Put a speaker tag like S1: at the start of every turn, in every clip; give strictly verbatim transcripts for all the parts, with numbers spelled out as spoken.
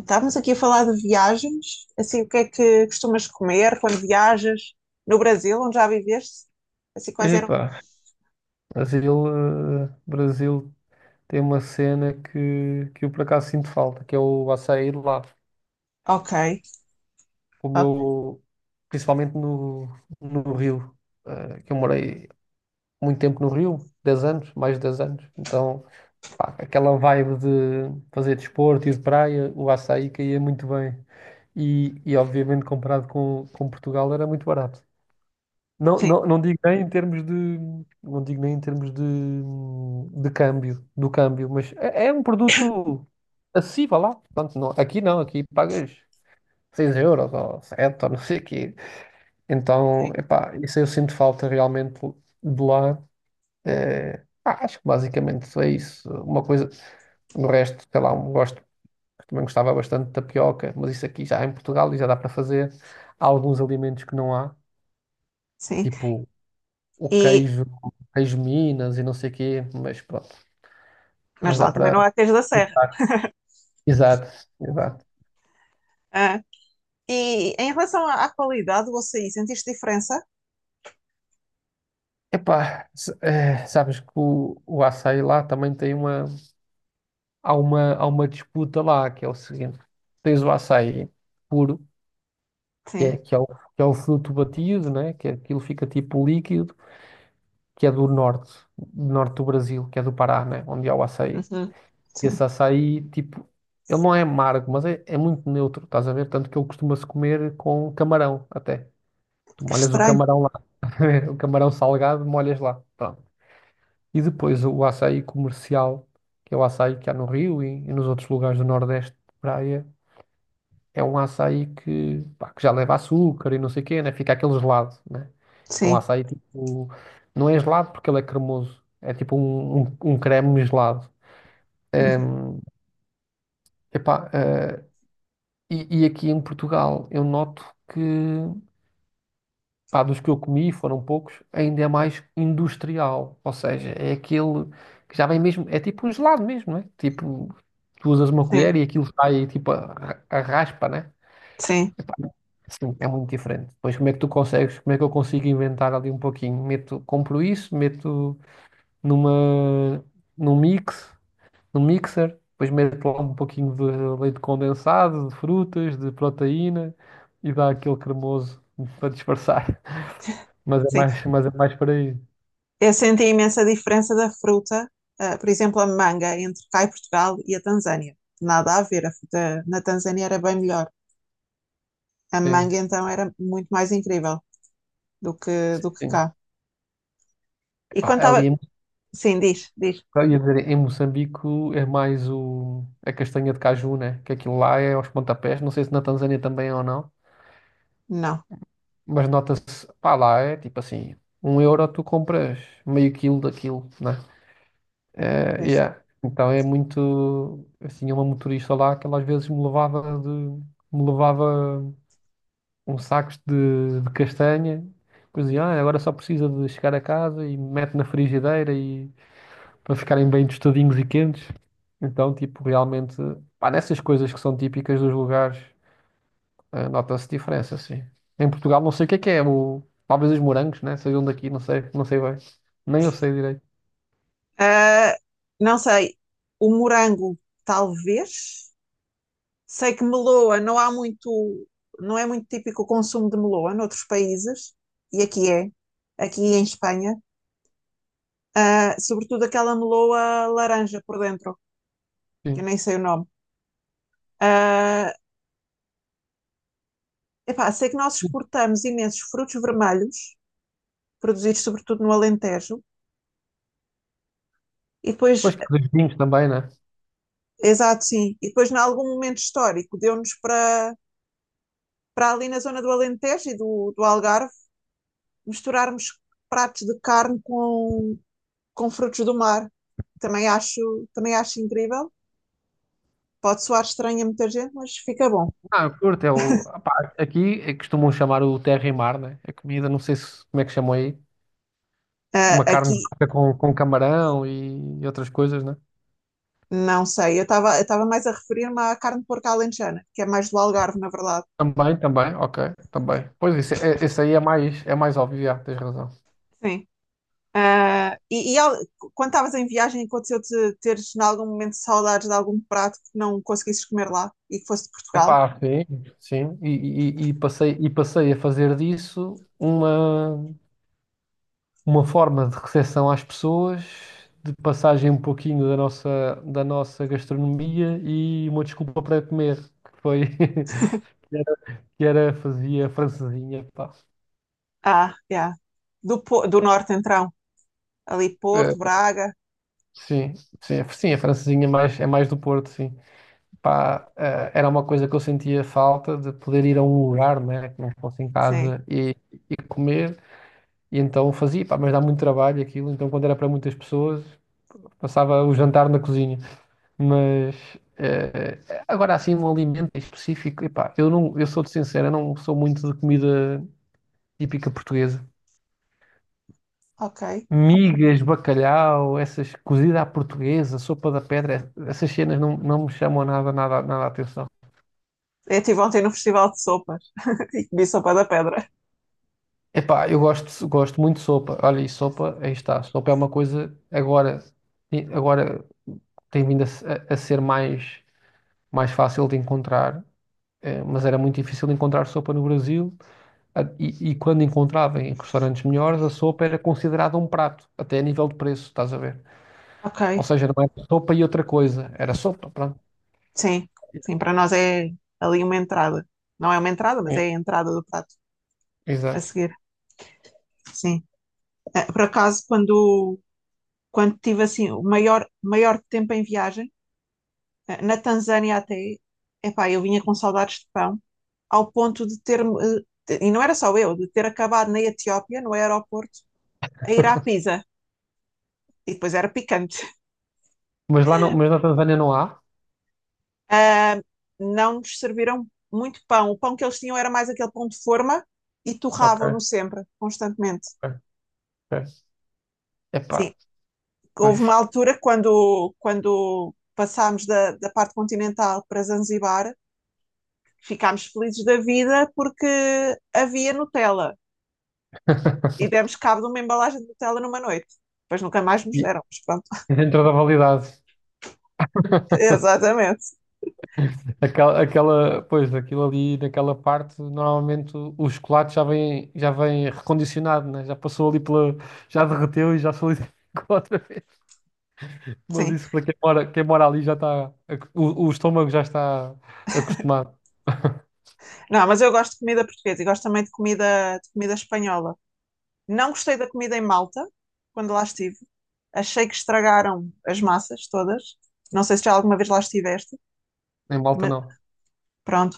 S1: Estávamos aqui a falar de viagens, assim, o que é que costumas comer quando viajas no Brasil, onde já viveste? Assim, quais eram as...
S2: Epá, Brasil, eh, Brasil tem uma cena que, que eu por acaso sinto falta, que é o açaí de lá.
S1: Ok,
S2: O
S1: ok,
S2: meu, principalmente no, no Rio, eh, que eu morei muito tempo no Rio, dez anos, mais de dez anos. Então, pá, aquela vibe de fazer desporto e de praia, o açaí caía muito bem. E, e obviamente comparado com, com Portugal era muito barato. Não,
S1: sim,
S2: não, não digo nem em termos de, não digo nem em termos de, de câmbio, do câmbio, mas é, é um produto acessível lá. Portanto, não, aqui não, aqui pagas seis euros ou sete ou não sei o quê. Então,
S1: sim,
S2: epá, isso eu sinto falta realmente de lá. Eh, ah, acho que basicamente é isso. Uma coisa, o resto, sei lá, um gosto, também gostava bastante de tapioca, mas isso aqui já em Portugal e já dá para fazer. Há alguns alimentos que não há,
S1: sim.
S2: tipo o
S1: E,
S2: queijo, queijo Minas e não sei o quê, mas pronto,
S1: mas
S2: mas dá
S1: lá também não
S2: para.
S1: há queijo da serra.
S2: Exato, exato.
S1: Ah, e em relação à, à qualidade do açaí, sentiste diferença?
S2: Epá, s- eh, sabes que o, o açaí lá também tem uma, há uma, há uma disputa lá, que é o seguinte, tens o açaí puro, que é,
S1: Sim.
S2: que é o, que é o fruto batido, né? Que é, aquilo fica tipo líquido, que é do norte, do norte do Brasil, que é do Pará, né? Onde há o açaí.
S1: Uhum. Sim.
S2: Esse açaí, tipo, ele não é amargo, mas é, é muito neutro, estás a ver? Tanto que ele costuma-se comer com camarão, até. Tu
S1: Que
S2: molhas o
S1: estranho.
S2: camarão lá. O camarão salgado, molhas lá. Pronto. E depois o açaí comercial, que é o açaí que há no Rio e, e nos outros lugares do Nordeste de praia, é um açaí que, pá, que já leva açúcar e não sei o quê, né? Fica aquele gelado, né? É um
S1: Sim,
S2: açaí tipo. Não é gelado porque ele é cremoso. É tipo um, um, um creme gelado.
S1: uhum,
S2: Em, epá, eh, e, e aqui em Portugal eu noto que. Pá, dos que eu comi, foram poucos, ainda é mais industrial. Ou seja, é aquele que já vem mesmo, é tipo um gelado mesmo, não é? Tipo, tu usas uma
S1: sim,
S2: colher e aquilo sai tipo a, a raspa, né?
S1: sim,
S2: Epá, sim, é muito diferente. Pois como é que tu consegues, como é que eu consigo inventar ali um pouquinho? Meto, compro isso, meto numa, num mix, num mixer, depois meto lá um pouquinho de leite condensado, de frutas, de proteína e dá aquele cremoso para disfarçar. Mas é
S1: sim.
S2: mais, mas é mais por aí.
S1: Eu senti imensa diferença da fruta, ah, por exemplo, a manga entre cá e Portugal e a Tanzânia. Nada a ver, a fruta na Tanzânia era bem melhor. A
S2: Sim,
S1: manga então era muito mais incrível do que, do que
S2: sim.
S1: cá. E
S2: Epá,
S1: quando
S2: ali
S1: estava.
S2: em,
S1: Sim, diz, diz.
S2: eu ia dizer, em Moçambique é mais o, a castanha de caju, né? Que aquilo lá é aos pontapés. Não sei se na Tanzânia também é ou não.
S1: Não,
S2: Mas nota-se, pá, lá é tipo assim, um euro tu compras meio quilo daquilo, né? É,
S1: pois.
S2: yeah. Então é muito, assim, uma motorista lá que ela às vezes me levava de, me levava um saco de, de castanha. Depois dizia ah, agora só precisa de chegar a casa e mete na frigideira e para ficarem bem tostadinhos e quentes. Então, tipo, realmente, pá, nessas coisas que são típicas dos lugares, eh, nota-se diferença, sim. Em Portugal, não sei o que é que é, o... talvez os morangos, né? Sejam daqui, não sei, não sei bem. Nem eu sei direito.
S1: Ah, não sei, o morango, talvez. Sei que meloa não há muito. Não é muito típico o consumo de meloa noutros países, e aqui é, aqui em Espanha. Uh, sobretudo aquela meloa laranja por dentro, que eu
S2: Sim.
S1: nem sei o nome. Uh, epá, sei que nós
S2: E
S1: exportamos imensos frutos vermelhos, produzidos sobretudo no Alentejo, e
S2: depois
S1: depois,
S2: que há os vinhos também, né?
S1: exato, sim, e depois, em algum momento histórico, deu-nos para, para ali na zona do Alentejo e do, do Algarve misturarmos pratos de carne com, com frutos do mar. Também acho, também acho incrível. Pode soar estranho a muita gente, mas fica bom.
S2: Ah, eu curto, é o. Ah, aqui é que costumam chamar o terra e mar, né? A comida, não sei se, como é que chamam aí.
S1: Uh,
S2: Uma carne de
S1: aqui,
S2: coca com, com camarão e outras coisas, né?
S1: não sei, eu estava eu estava mais a referir-me à carne de porco alentejana, que é mais do Algarve, na verdade.
S2: Também, também, ok, também. Pois isso, é- esse aí é mais, é mais óbvio, já, tens razão.
S1: Sim. Ah, e e al- quando estavas em viagem, aconteceu-te teres, em algum momento, saudades de algum prato que não conseguisses comer lá e que fosse de Portugal?
S2: Epá, sim, sim. E, e- e passei, e passei a fazer disso uma, uma forma de recepção às pessoas, de passagem um pouquinho da nossa, da nossa gastronomia e uma desculpa para comer, que foi que era, que era- fazia francesinha, pá.
S1: Ah, yeah. Do, Po- do norte, então. Ali,
S2: Eh,
S1: Porto, Braga.
S2: sim, sim, sim, a francesinha é mais, é mais do Porto, sim. Pá, eh, era uma coisa que eu sentia falta de poder ir a um lugar, né, que não fosse em
S1: Sim.
S2: casa e, e comer. E então fazia, pá, mas dá muito trabalho aquilo. Então, quando era para muitas pessoas, passava o jantar na cozinha. Mas eh, agora, assim, um alimento em específico, epá, eu não, eu sou-te sincero, eu não sou muito de comida típica portuguesa.
S1: Ok.
S2: Migas, bacalhau, essas cozida à portuguesa, sopa da pedra, essas cenas não, não me chamam nada, nada, nada a atenção.
S1: Eu estive ontem no Festival de Sopas e comi sopa da pedra.
S2: Epá, eu gosto, gosto muito de sopa. Olha, e sopa, aí está. Sopa é uma coisa agora, agora tem vindo a, se- a- a ser mais. mais fácil de encontrar, eh, mas era muito difícil encontrar sopa no Brasil. A- E, e quando encontrava em restaurantes melhores, a sopa era considerada um prato, até a nível de preço, estás a ver? Ou
S1: Ok.
S2: seja, não era sopa e outra coisa, era sopa, pronto.
S1: Sim. Sim, para nós é ali uma entrada. Não é uma entrada, mas é
S2: É,
S1: a entrada do prato a
S2: exato.
S1: seguir. Sim. Eh, por acaso, quando, quando tive assim o maior, maior tempo em viagem, eh, na Tanzânia até, epá, eu vinha com saudades de pão, ao ponto de ter e não era só eu, de ter acabado na Etiópia, no aeroporto, a ir à Pisa, e depois era picante.
S2: Mas lá não, mas na Tanzânia não há?
S1: Ah, não nos serviram muito pão. O pão que eles tinham era mais aquele pão de forma e torravam-no
S2: Ok,
S1: sempre, constantemente.
S2: ok, ok. Epá,
S1: Sim, houve
S2: pois.
S1: uma altura quando, quando passámos da, da parte continental para Zanzibar, ficámos felizes da vida porque havia Nutella e demos cabo de uma embalagem de Nutella numa noite. Depois nunca mais nos deram, mas pronto.
S2: E dentro da validade.
S1: Exatamente,
S2: Aquela, aquela, pois, aquilo ali, naquela parte, normalmente o, o chocolate já vem, já vem recondicionado, né? Já passou ali pela, já derreteu e já solidificou outra vez. Mas
S1: sim.
S2: isso para quem mora, quem mora ali já está, ac- o, o estômago já está acostumado.
S1: Não, mas eu gosto de comida portuguesa e gosto também de comida, de comida espanhola. Não gostei da comida em Malta, quando lá estive. Achei que estragaram as massas todas. Não sei se já alguma vez lá estiveste,
S2: Em Malta
S1: mas
S2: não.
S1: pronto.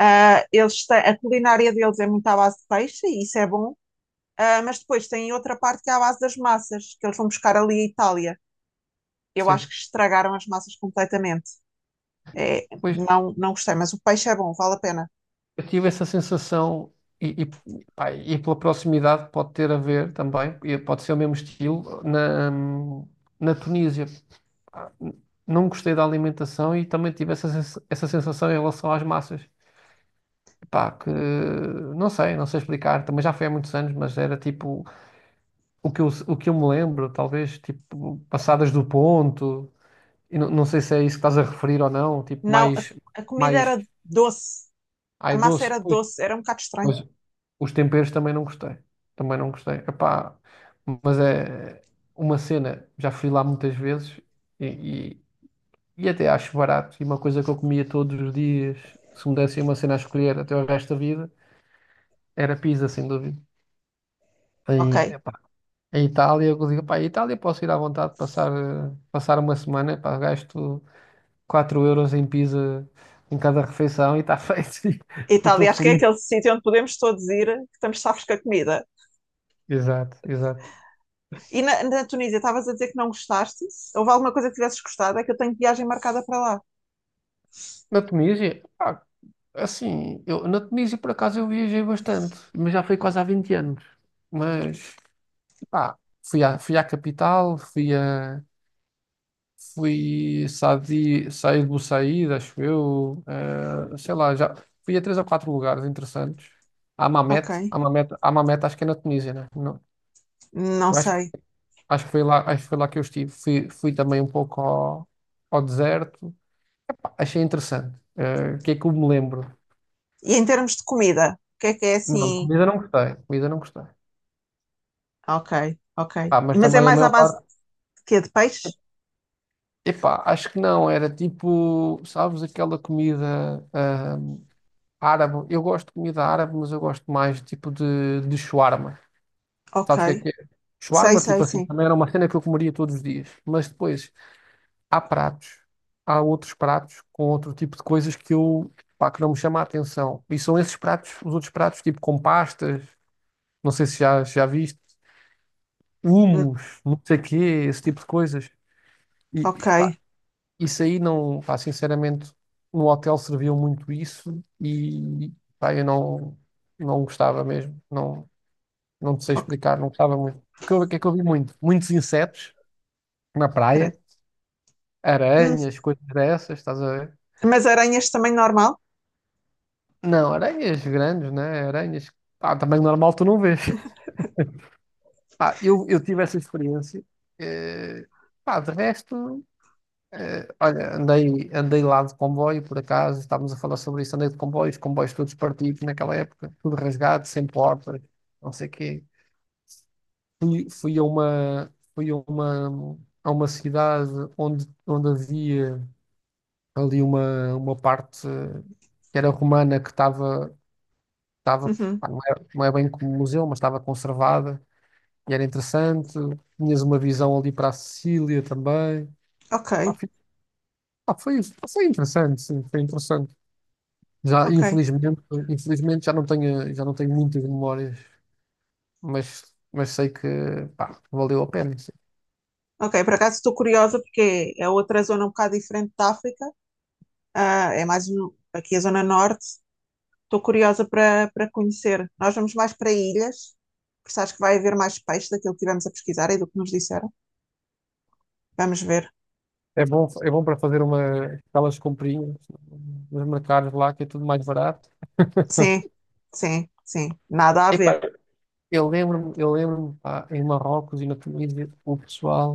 S1: Ah, eles têm, a culinária deles é muito à base de peixe, e isso é bom. Ah, mas depois tem outra parte que é à base das massas, que eles vão buscar ali a Itália, eu acho
S2: Sim.
S1: que estragaram as massas completamente. É,
S2: Pois,
S1: não, não gostei, mas o peixe é bom, vale a pena.
S2: eu tive essa sensação e, e, pá, e pela proximidade pode ter a ver também, e pode ser o mesmo estilo, na, na Tunísia. ah, n- não gostei da alimentação e também tive essa, sens- essa sensação em relação às massas. Pá, que não sei, não sei explicar, também já foi há muitos anos, mas era tipo o que eu, o que eu me lembro, talvez tipo passadas do ponto, e não, não sei se é isso que estás a referir ou não, tipo
S1: Não, a,
S2: mais,
S1: a comida
S2: mais
S1: era doce, a
S2: ai
S1: massa
S2: doce,
S1: era
S2: pois,
S1: doce, era um bocado estranho.
S2: mas os temperos também não gostei, também não gostei. Epá, mas é uma cena, já fui lá muitas vezes e E até acho barato. E uma coisa que eu comia todos os dias, se me dessem uma cena a escolher até o resto da vida, era pizza, sem dúvida. Em,
S1: Ok.
S2: epá, Em Itália, eu digo, pá, em Itália posso ir à vontade passar, eh, passar uma semana, epá, gasto quatro euros em pizza em cada refeição e está feito. E estou
S1: Itália, acho que é
S2: feliz.
S1: aquele sítio onde podemos todos ir, que estamos safos com a comida.
S2: Exato, exato.
S1: E na, na Tunísia, estavas a dizer que não gostaste? Se houve alguma coisa que tivesses gostado? É que eu tenho viagem marcada para lá.
S2: Na Tunísia, pá, assim, eu, na Tunísia por acaso eu viajei bastante, mas já foi quase há vinte anos. Mas, pá, fui à, fui à capital, fui a. Fui sair, sair do sair, acho eu. Eh, sei lá, já fui a três ou quatro lugares interessantes. A
S1: Ok.
S2: Mamet, a Mamet, a Mamet acho que é na Tunísia, né? Não,
S1: Não
S2: eu acho, que-
S1: sei.
S2: acho que foi lá, acho que foi lá que eu estive. Fui, fui também um pouco ao, ao deserto. Pá, achei interessante. Eh, o que é que eu me lembro?
S1: E em termos de comida, o que é que é
S2: Não, de
S1: assim?
S2: comida não gostei. Comida não gostei.
S1: Ok, ok.
S2: Pá, mas
S1: Mas é
S2: também a
S1: mais à
S2: maior
S1: base
S2: parte.
S1: de quê? De peixe?
S2: Epá, acho que não. Era tipo, sabes, aquela comida. Árabe, eu gosto de comida árabe, mas eu gosto mais tipo de, de shawarma.
S1: Ok.
S2: Sabes o que é que é?
S1: Sei,
S2: Shawarma,
S1: sei,
S2: tipo assim,
S1: sim.
S2: também era uma cena que eu comeria todos os dias. Mas depois há pratos, há outros pratos com outro tipo de coisas que eu, pá, que não me chama a atenção. E são esses pratos, os outros pratos, tipo com pastas, não sei se já, já viste, hummus, não sei o quê, esse tipo de coisas. E,
S1: Ok.
S2: pá, isso aí não, pá, sinceramente, no hotel serviam muito isso e, pá, eu não, não gostava mesmo. Não, não te sei
S1: Ok,
S2: explicar, não gostava muito. O que eu, o que é que eu vi muito? Muitos insetos na
S1: credo.
S2: praia,
S1: Hum,
S2: aranhas, coisas dessas, estás a ver?
S1: Mas aranhas também normal?
S2: Não, aranhas grandes, né? Aranhas. Pá, também normal tu não vês. Pá, eu, eu tive essa experiência. Eh, Pá, de resto, eh, olha, andei, andei lá de comboio, por acaso, estávamos a falar sobre isso, andei de comboio, os comboios todos partidos naquela época, tudo rasgado, sem porta não sei o quê. Fui, fui a uma, fui a uma, a uma cidade onde, onde havia ali uma, uma parte eh, que era romana, que estava, estava,
S1: Uhum,
S2: pá, não é, não é bem como museu, mas estava conservada e era interessante. Tinhas uma visão ali para a Sicília também. Pá,
S1: ok,
S2: fi- pá, foi, foi interessante, sim, foi interessante. Já,
S1: ok.
S2: infelizmente, infelizmente já não tenho, já não tenho muitas memórias, mas, mas sei que, pá, valeu a pena, sim.
S1: Ok, por acaso estou curiosa porque é outra zona um bocado diferente da África. Ah, é mais no- aqui a zona norte. Estou curiosa para para conhecer. Nós vamos mais para ilhas, porque acho que vai haver mais peixe daquilo que tivemos a pesquisar e do que nos disseram. Vamos ver.
S2: É bom, é bom para fazer uma, aquelas comprinhas nos mercados lá, que é tudo mais barato.
S1: Sim, sim, sim. Nada a
S2: Epá,
S1: ver.
S2: Eu lembro-me, eu lembro-me, pá, em Marrocos e na Tunísia, o pessoal,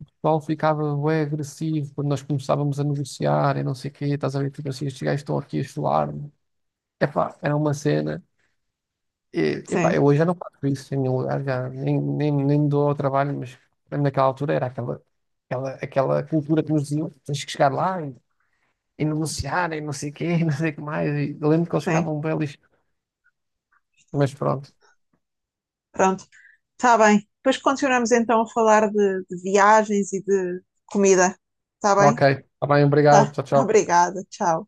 S2: o pessoal ficava bué agressivo quando nós começávamos a negociar e não sei o quê, estás a ver, tipo assim, estes gajos estão aqui a chular-me. Epá, era uma cena. E, epá,
S1: Sim,
S2: eu hoje já não faço isso em nenhum lugar, já nem, nem, nem me dou ao trabalho, mas lembro naquela altura era aquela, aquela, aquela cultura que nos diziam, tens que chegar lá e, e negociar e não sei o quê, não sei o que mais. E eu lembro que eles
S1: sim.
S2: ficavam belos, mas pronto.
S1: Pronto, está bem. Depois continuamos então a falar de, de viagens e de comida. Está
S2: Ok,
S1: bem?
S2: está bem, obrigado,
S1: Tá,
S2: tchau, tchau.
S1: obrigada. Tchau.